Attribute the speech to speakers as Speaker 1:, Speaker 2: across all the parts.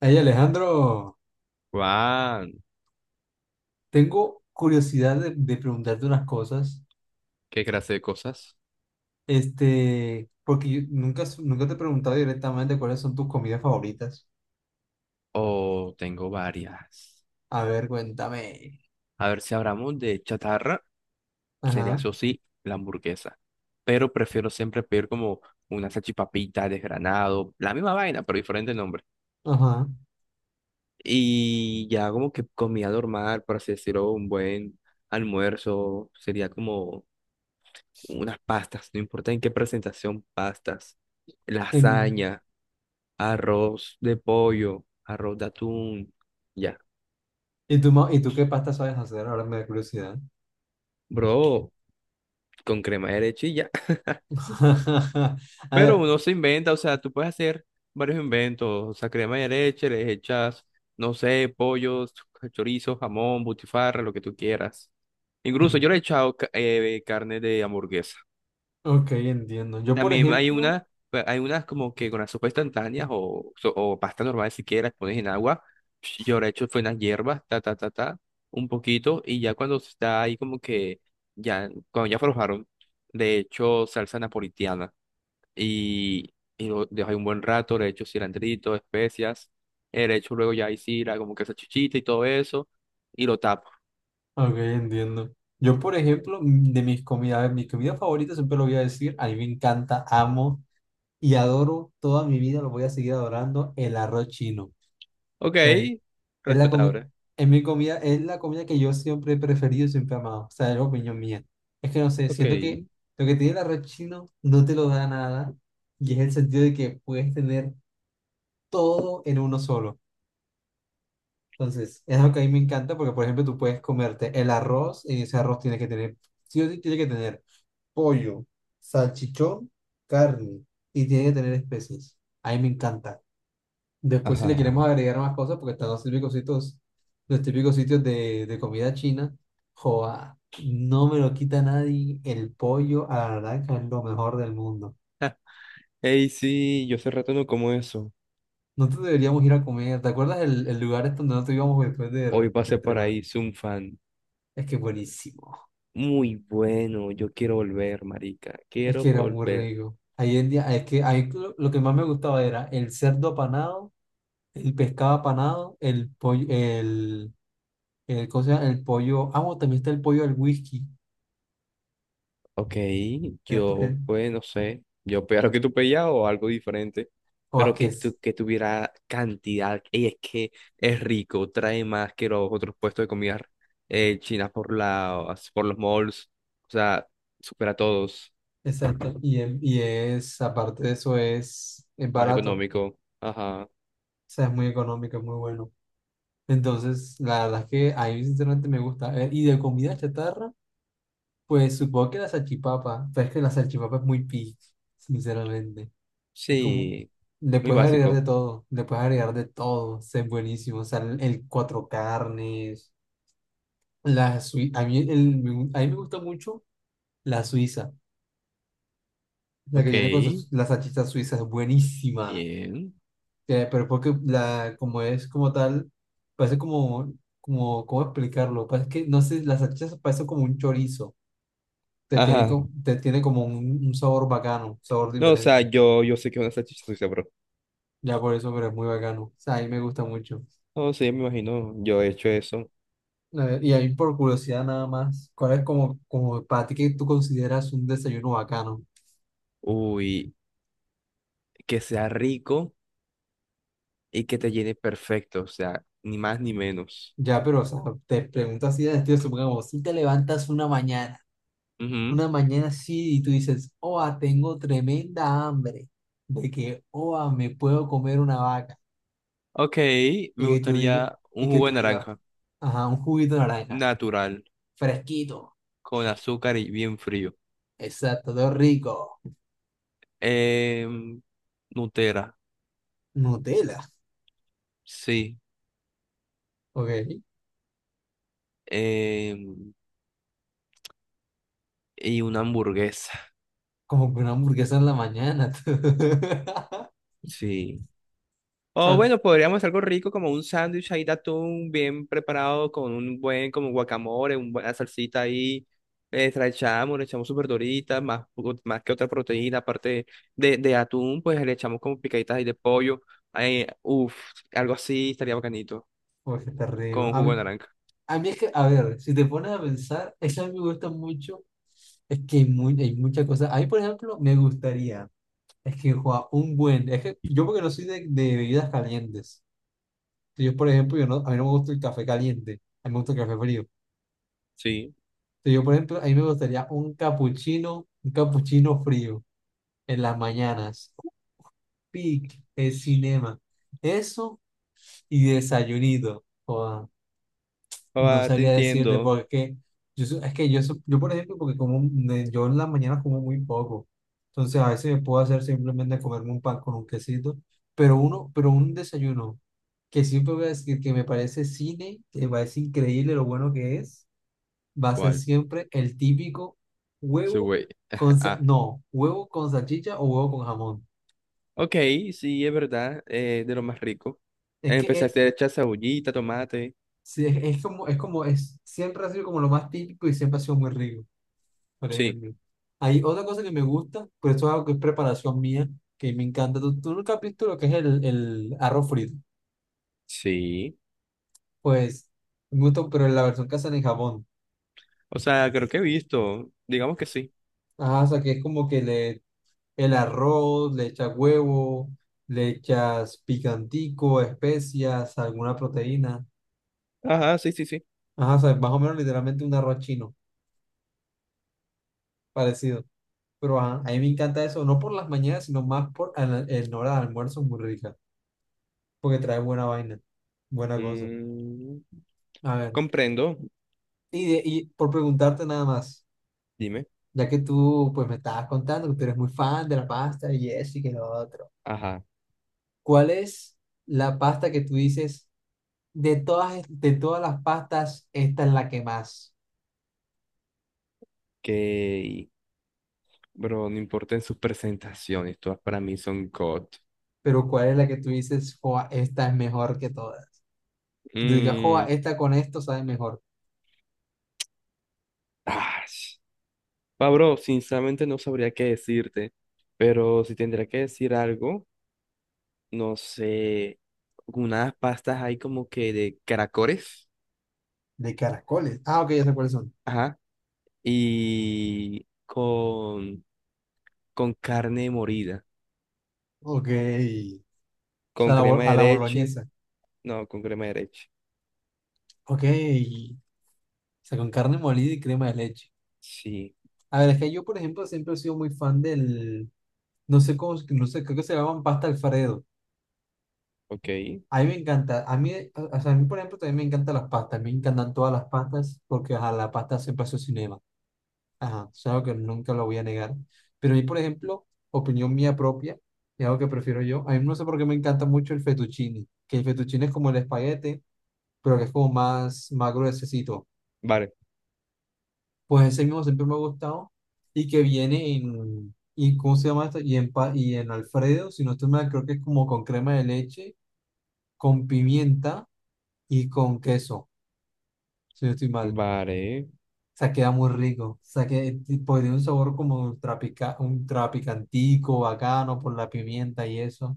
Speaker 1: Hey Alejandro,
Speaker 2: Juan,
Speaker 1: tengo curiosidad de preguntarte unas cosas,
Speaker 2: ¿qué clase de cosas?
Speaker 1: porque yo nunca te he preguntado directamente cuáles son tus comidas favoritas.
Speaker 2: Oh, tengo varias.
Speaker 1: A ver, cuéntame.
Speaker 2: A ver si hablamos de chatarra, sería
Speaker 1: Ajá,
Speaker 2: eso sí, la hamburguesa. Pero prefiero siempre pedir como una salchipapita, desgranado, la misma vaina, pero diferente nombre.
Speaker 1: ajá.
Speaker 2: Y ya como que comida normal, por así decirlo, un buen almuerzo, sería como unas pastas, no importa en qué presentación, pastas,
Speaker 1: En-
Speaker 2: lasaña, arroz de pollo, arroz de atún, ya.
Speaker 1: ¿Y tú, y tú qué pasta sabes hacer? Ahora me da curiosidad.
Speaker 2: Bro, con crema de leche y ya.
Speaker 1: A
Speaker 2: Pero
Speaker 1: ver,
Speaker 2: uno se inventa, o sea, tú puedes hacer varios inventos, o sea, crema de leche, le echas, no sé, pollos, chorizo, jamón, butifarra, lo que tú quieras. Incluso yo
Speaker 1: en-
Speaker 2: le he echado carne de hamburguesa.
Speaker 1: ok, entiendo. Yo, por
Speaker 2: También hay
Speaker 1: ejemplo,
Speaker 2: una, pues, hay unas como que con las sopas instantáneas o pasta normal si quieres, pones en agua. Yo le he hecho fue unas hierbas, ta, ta, ta, ta, un poquito, y ya cuando está ahí como que, ya, cuando ya aflojaron, le he hecho salsa napolitana. Y lo dejo ahí un buen rato, le echo cilantrito, especias, le echo luego ya ahí sira, como que esa chichita y todo eso, y lo tapo.
Speaker 1: ok, entiendo. Yo, por ejemplo, de mis comidas, a ver, mis comidas favoritas siempre lo voy a decir, a mí me encanta, amo y adoro toda mi vida, lo voy a seguir adorando, el arroz chino. O
Speaker 2: Ok,
Speaker 1: sea, es la comida,
Speaker 2: respetable.
Speaker 1: es mi comida, es la comida que yo siempre he preferido, siempre he amado. O sea, es la opinión mía. Es que no sé,
Speaker 2: Ok.
Speaker 1: siento que lo que tiene el arroz chino no te lo da nada, y es el sentido de que puedes tener todo en uno solo. Entonces, es algo que a mí me encanta porque, por ejemplo, tú puedes comerte el arroz y ese arroz tiene que tener, sí o sí tiene que tener pollo, salchichón, carne y tiene que tener especies. A mí me encanta. Después, si le
Speaker 2: Ajá.
Speaker 1: queremos agregar más cosas, porque están los típicos sitios de comida china, joa, no me lo quita nadie. El pollo a la naranja es lo mejor del mundo.
Speaker 2: Ja. Ey, sí, yo hace rato no como eso.
Speaker 1: Nosotros deberíamos ir a comer. ¿Te acuerdas el lugar este donde nosotros íbamos después de,
Speaker 2: Hoy
Speaker 1: de
Speaker 2: pasé por
Speaker 1: entrenar?
Speaker 2: ahí, soy un fan.
Speaker 1: Es que buenísimo.
Speaker 2: Muy bueno, yo quiero volver, marica.
Speaker 1: Es
Speaker 2: Quiero
Speaker 1: que era muy
Speaker 2: volver.
Speaker 1: rico. Ahí en día, es que ahí lo que más me gustaba era el cerdo apanado, el pescado apanado, el pollo, ¿cómo se llama? El pollo. Ah, bueno, también está el pollo al whisky.
Speaker 2: Ok,
Speaker 1: El pollo.
Speaker 2: yo pues no sé, yo pegar lo que tú pegas o algo diferente,
Speaker 1: O es
Speaker 2: pero
Speaker 1: que es,
Speaker 2: que tuviera cantidad. Y es que es rico, trae más que los otros puestos de comida china por los malls, o sea, supera a todos,
Speaker 1: exacto. Y, y es, aparte de eso, es
Speaker 2: más
Speaker 1: barato. O
Speaker 2: económico. Ajá,
Speaker 1: sea, es muy económico, es muy bueno. Entonces, la verdad es que a mí sinceramente me gusta. Y de comida chatarra, pues supongo que la salchipapa. Pero es que la salchipapa es muy picky, sinceramente. Es como,
Speaker 2: sí,
Speaker 1: le
Speaker 2: muy
Speaker 1: puedes agregar de
Speaker 2: básico.
Speaker 1: todo, le puedes agregar de todo. O sea, es buenísimo. O sea, el cuatro carnes, la suiza. A mí, a mí me gusta mucho la suiza. La que
Speaker 2: Ok,
Speaker 1: viene con la salchicha suiza es buenísima.
Speaker 2: bien.
Speaker 1: Pero porque la, como es como tal, parece como, como, ¿cómo explicarlo? Parece que, no sé, las salchichas parecen como un chorizo, te tiene,
Speaker 2: Ajá,
Speaker 1: te tiene como un sabor bacano, un sabor
Speaker 2: no, o
Speaker 1: diferente,
Speaker 2: sea, yo sé que es una salchicha sucia, bro.
Speaker 1: ya por eso, pero es muy bacano, o sea, a mí me gusta mucho.
Speaker 2: No, sí, me imagino, yo he hecho eso.
Speaker 1: A ver, y ahí por curiosidad nada más, ¿cuál es como, como para ti que tú consideras un desayuno bacano?
Speaker 2: Uy, que sea rico. Y que te llene perfecto, o sea, ni más ni menos.
Speaker 1: Ya, pero, o sea, te pregunto así, de estilo, supongamos, si te levantas una mañana.
Speaker 2: Ujú.
Speaker 1: Una mañana así y tú dices, oa, tengo tremenda hambre, de que, oa, me puedo comer una vaca,
Speaker 2: Ok,
Speaker 1: y
Speaker 2: me
Speaker 1: que tú digas,
Speaker 2: gustaría un
Speaker 1: y que
Speaker 2: jugo
Speaker 1: tú
Speaker 2: de
Speaker 1: digas,
Speaker 2: naranja
Speaker 1: ajá, un juguito de naranja,
Speaker 2: natural,
Speaker 1: fresquito,
Speaker 2: con azúcar y bien frío.
Speaker 1: exacto, todo rico,
Speaker 2: Em, Nutella,
Speaker 1: Nutella,
Speaker 2: sí.
Speaker 1: ok,
Speaker 2: Em, y una hamburguesa,
Speaker 1: como que una hamburguesa en la mañana, tú. O
Speaker 2: sí. O
Speaker 1: sea,
Speaker 2: bueno, podríamos hacer algo rico como un sándwich ahí de atún bien preparado con un buen como guacamole, una buena salsita ahí. Le echamos sus verduritas, más que otra proteína, aparte de atún, pues le echamos como picaditas ahí de pollo. Eh, uf, Algo así estaría bacanito,
Speaker 1: pues está rico.
Speaker 2: con jugo de naranja.
Speaker 1: A mí es que, a ver, si te pones a pensar, eso a mí me gusta mucho, es que hay, muy, hay muchas cosas, a mí, por ejemplo, me gustaría. Es que juega un buen. Es que yo porque no soy de bebidas calientes. Entonces, yo, por ejemplo, yo no, a mí no me gusta el café caliente, a mí me gusta el café frío.
Speaker 2: Sí.
Speaker 1: Entonces, yo, por ejemplo, a mí me gustaría un capuchino frío en las mañanas. Un pic, el cinema. Eso y desayunito. No
Speaker 2: Ah, te
Speaker 1: sabría decirte,
Speaker 2: entiendo.
Speaker 1: porque es que yo por ejemplo, porque yo en las mañanas como muy poco, entonces a veces me puedo hacer simplemente comerme un pan con un quesito, pero pero un desayuno que siempre voy a decir que me parece cine, que me parece increíble lo bueno que es, va a ser
Speaker 2: ¿Cuál?
Speaker 1: siempre el típico
Speaker 2: Ese
Speaker 1: huevo
Speaker 2: güey. Ah,
Speaker 1: no, huevo con salchicha o huevo con jamón.
Speaker 2: ok, sí, es verdad, de lo más rico.
Speaker 1: Es que
Speaker 2: Empecé a hacer echar cebollita, tomate.
Speaker 1: sí, es como, es como, es, siempre ha sido como lo más típico y siempre ha sido muy rico, por
Speaker 2: Sí.
Speaker 1: ejemplo. Hay otra cosa que me gusta, pero esto es algo que es preparación mía, que me encanta. Tú nunca has visto lo que es el arroz frito?
Speaker 2: Sí.
Speaker 1: Pues, me gusta, pero en la versión que hacen en Japón.
Speaker 2: O sea, creo que he visto. Digamos que sí.
Speaker 1: Ajá, o sea, que es como que le, el arroz, le echas huevo, le echas picantico, especias, alguna proteína.
Speaker 2: Ajá, sí, sí, sí.
Speaker 1: Ajá, o sea, es más o menos literalmente un arroz chino, parecido. Pero ajá, a mí me encanta eso, no por las mañanas, sino más por el hora de almuerzo, muy rica, porque trae buena vaina, buena cosa.
Speaker 2: Mm,
Speaker 1: A ver.
Speaker 2: comprendo.
Speaker 1: Y, y por preguntarte nada más,
Speaker 2: Dime.
Speaker 1: ya que tú pues me estabas contando que tú eres muy fan de la pasta y eso y que lo otro,
Speaker 2: Ajá.
Speaker 1: ¿cuál es la pasta que tú dices de todas, de todas las pastas, esta es la que más?
Speaker 2: Que, bro, no importa en sus presentaciones, todas para mí son God.
Speaker 1: Pero ¿cuál es la que tú dices, joa, esta es mejor que todas? Que tú digas,
Speaker 2: Mm,
Speaker 1: joa, esta con esto sabe mejor.
Speaker 2: ah, sh- Bro, sinceramente no sabría qué decirte, pero si tendría que decir algo, no sé, unas pastas ahí como que de caracoles,
Speaker 1: De caracoles. Ah, ok, ya sé cuáles son.
Speaker 2: ajá, y con, con carne morida,
Speaker 1: Ok. O sea,
Speaker 2: con
Speaker 1: a la,
Speaker 2: crema
Speaker 1: a
Speaker 2: de
Speaker 1: la
Speaker 2: leche.
Speaker 1: boloñesa.
Speaker 2: No, con crema de leche.
Speaker 1: Ok. O sea, con carne molida y crema de leche.
Speaker 2: Sí,
Speaker 1: A ver, es que yo, por ejemplo, siempre he sido muy fan del... no sé cómo, no sé, creo que se llaman pasta Alfredo.
Speaker 2: ok.
Speaker 1: A mí me encanta, a mí, o sea, a mí, por ejemplo, también me encantan las pastas, me encantan todas las pastas, porque ajá, la pasta siempre ha sido cinema, ajá, es algo que nunca lo voy a negar. Pero a mí, por ejemplo, opinión mía propia, es algo que prefiero yo, a mí no sé por qué me encanta mucho el fettuccine, que el fettuccine es como el espaguete, pero que es como más, más gruesecito.
Speaker 2: Vale,
Speaker 1: Pues ese mismo siempre me ha gustado, y que viene en, y ¿cómo se llama esto? Y en, y en Alfredo, si no estoy mal, creo que es como con crema de leche con pimienta y con queso, si no estoy mal. O
Speaker 2: vale.
Speaker 1: sea, queda muy rico. O sea, que pues, tiene un sabor como ultra picantico, bacano por la pimienta y eso.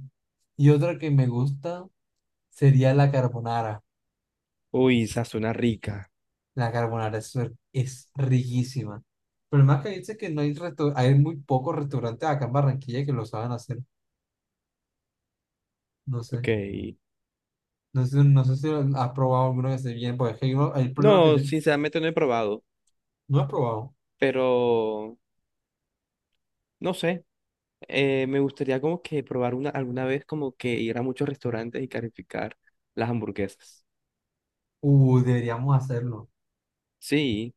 Speaker 1: Y otra que me gusta sería la carbonara.
Speaker 2: Uy, esa suena rica.
Speaker 1: La carbonara es riquísima. Pero más que dice que no hay hay muy pocos restaurantes acá en Barranquilla que lo saben hacer. No sé.
Speaker 2: Ok.
Speaker 1: No sé, no sé si lo has probado alguno que esté bien, porque es que hay problemas que
Speaker 2: No, sinceramente no he probado,
Speaker 1: no he probado.
Speaker 2: pero no sé. Me gustaría como que probar una alguna vez como que ir a muchos restaurantes y calificar las hamburguesas.
Speaker 1: Deberíamos hacerlo.
Speaker 2: Sí,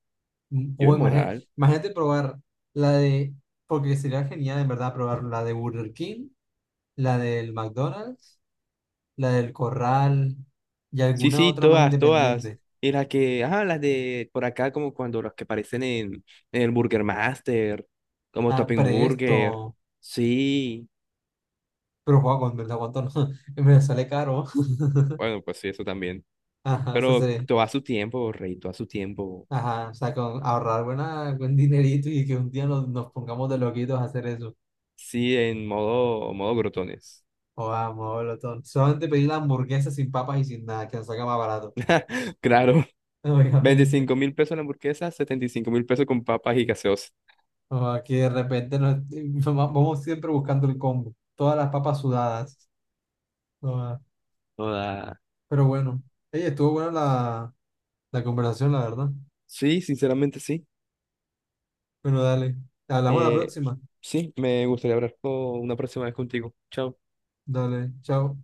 Speaker 1: Mm,
Speaker 2: yo en moral.
Speaker 1: Imagínate, probar la de, porque sería genial en verdad probar la de Burger King, la del McDonald's, la del Corral y
Speaker 2: Sí,
Speaker 1: alguna
Speaker 2: sí,
Speaker 1: otra más
Speaker 2: todas, todas.
Speaker 1: independiente.
Speaker 2: Y las que, ah, las de por acá como cuando las que aparecen en el Burger Master, como
Speaker 1: Ah,
Speaker 2: Topping Burger.
Speaker 1: Presto,
Speaker 2: Sí.
Speaker 1: pero guau, con verdad cuánto no, me sale caro.
Speaker 2: Bueno, pues sí, eso también.
Speaker 1: Ajá,
Speaker 2: Pero todo a su tiempo, rey, todo a su tiempo.
Speaker 1: ajá, o sea, con ahorrar buen dinerito y que un día nos pongamos de loquitos a hacer eso.
Speaker 2: Sí, en modo, modo grotones.
Speaker 1: O vamos, todo. Solamente pedir la hamburguesa sin papas y sin nada, que nos salga más barato,
Speaker 2: Claro,
Speaker 1: obviamente.
Speaker 2: $25.000 la hamburguesa, $75.000 con papas y gaseosa.
Speaker 1: O aquí de repente nos- vamos siempre buscando el combo. Todas las papas sudadas. Ah,
Speaker 2: Joda.
Speaker 1: pero bueno, ey, estuvo buena la conversación, la verdad.
Speaker 2: Sí, sinceramente sí.
Speaker 1: Bueno, dale. Hablamos la
Speaker 2: Eh,
Speaker 1: próxima.
Speaker 2: sí, me gustaría hablar con una próxima vez contigo. Chao.
Speaker 1: Dale, chao.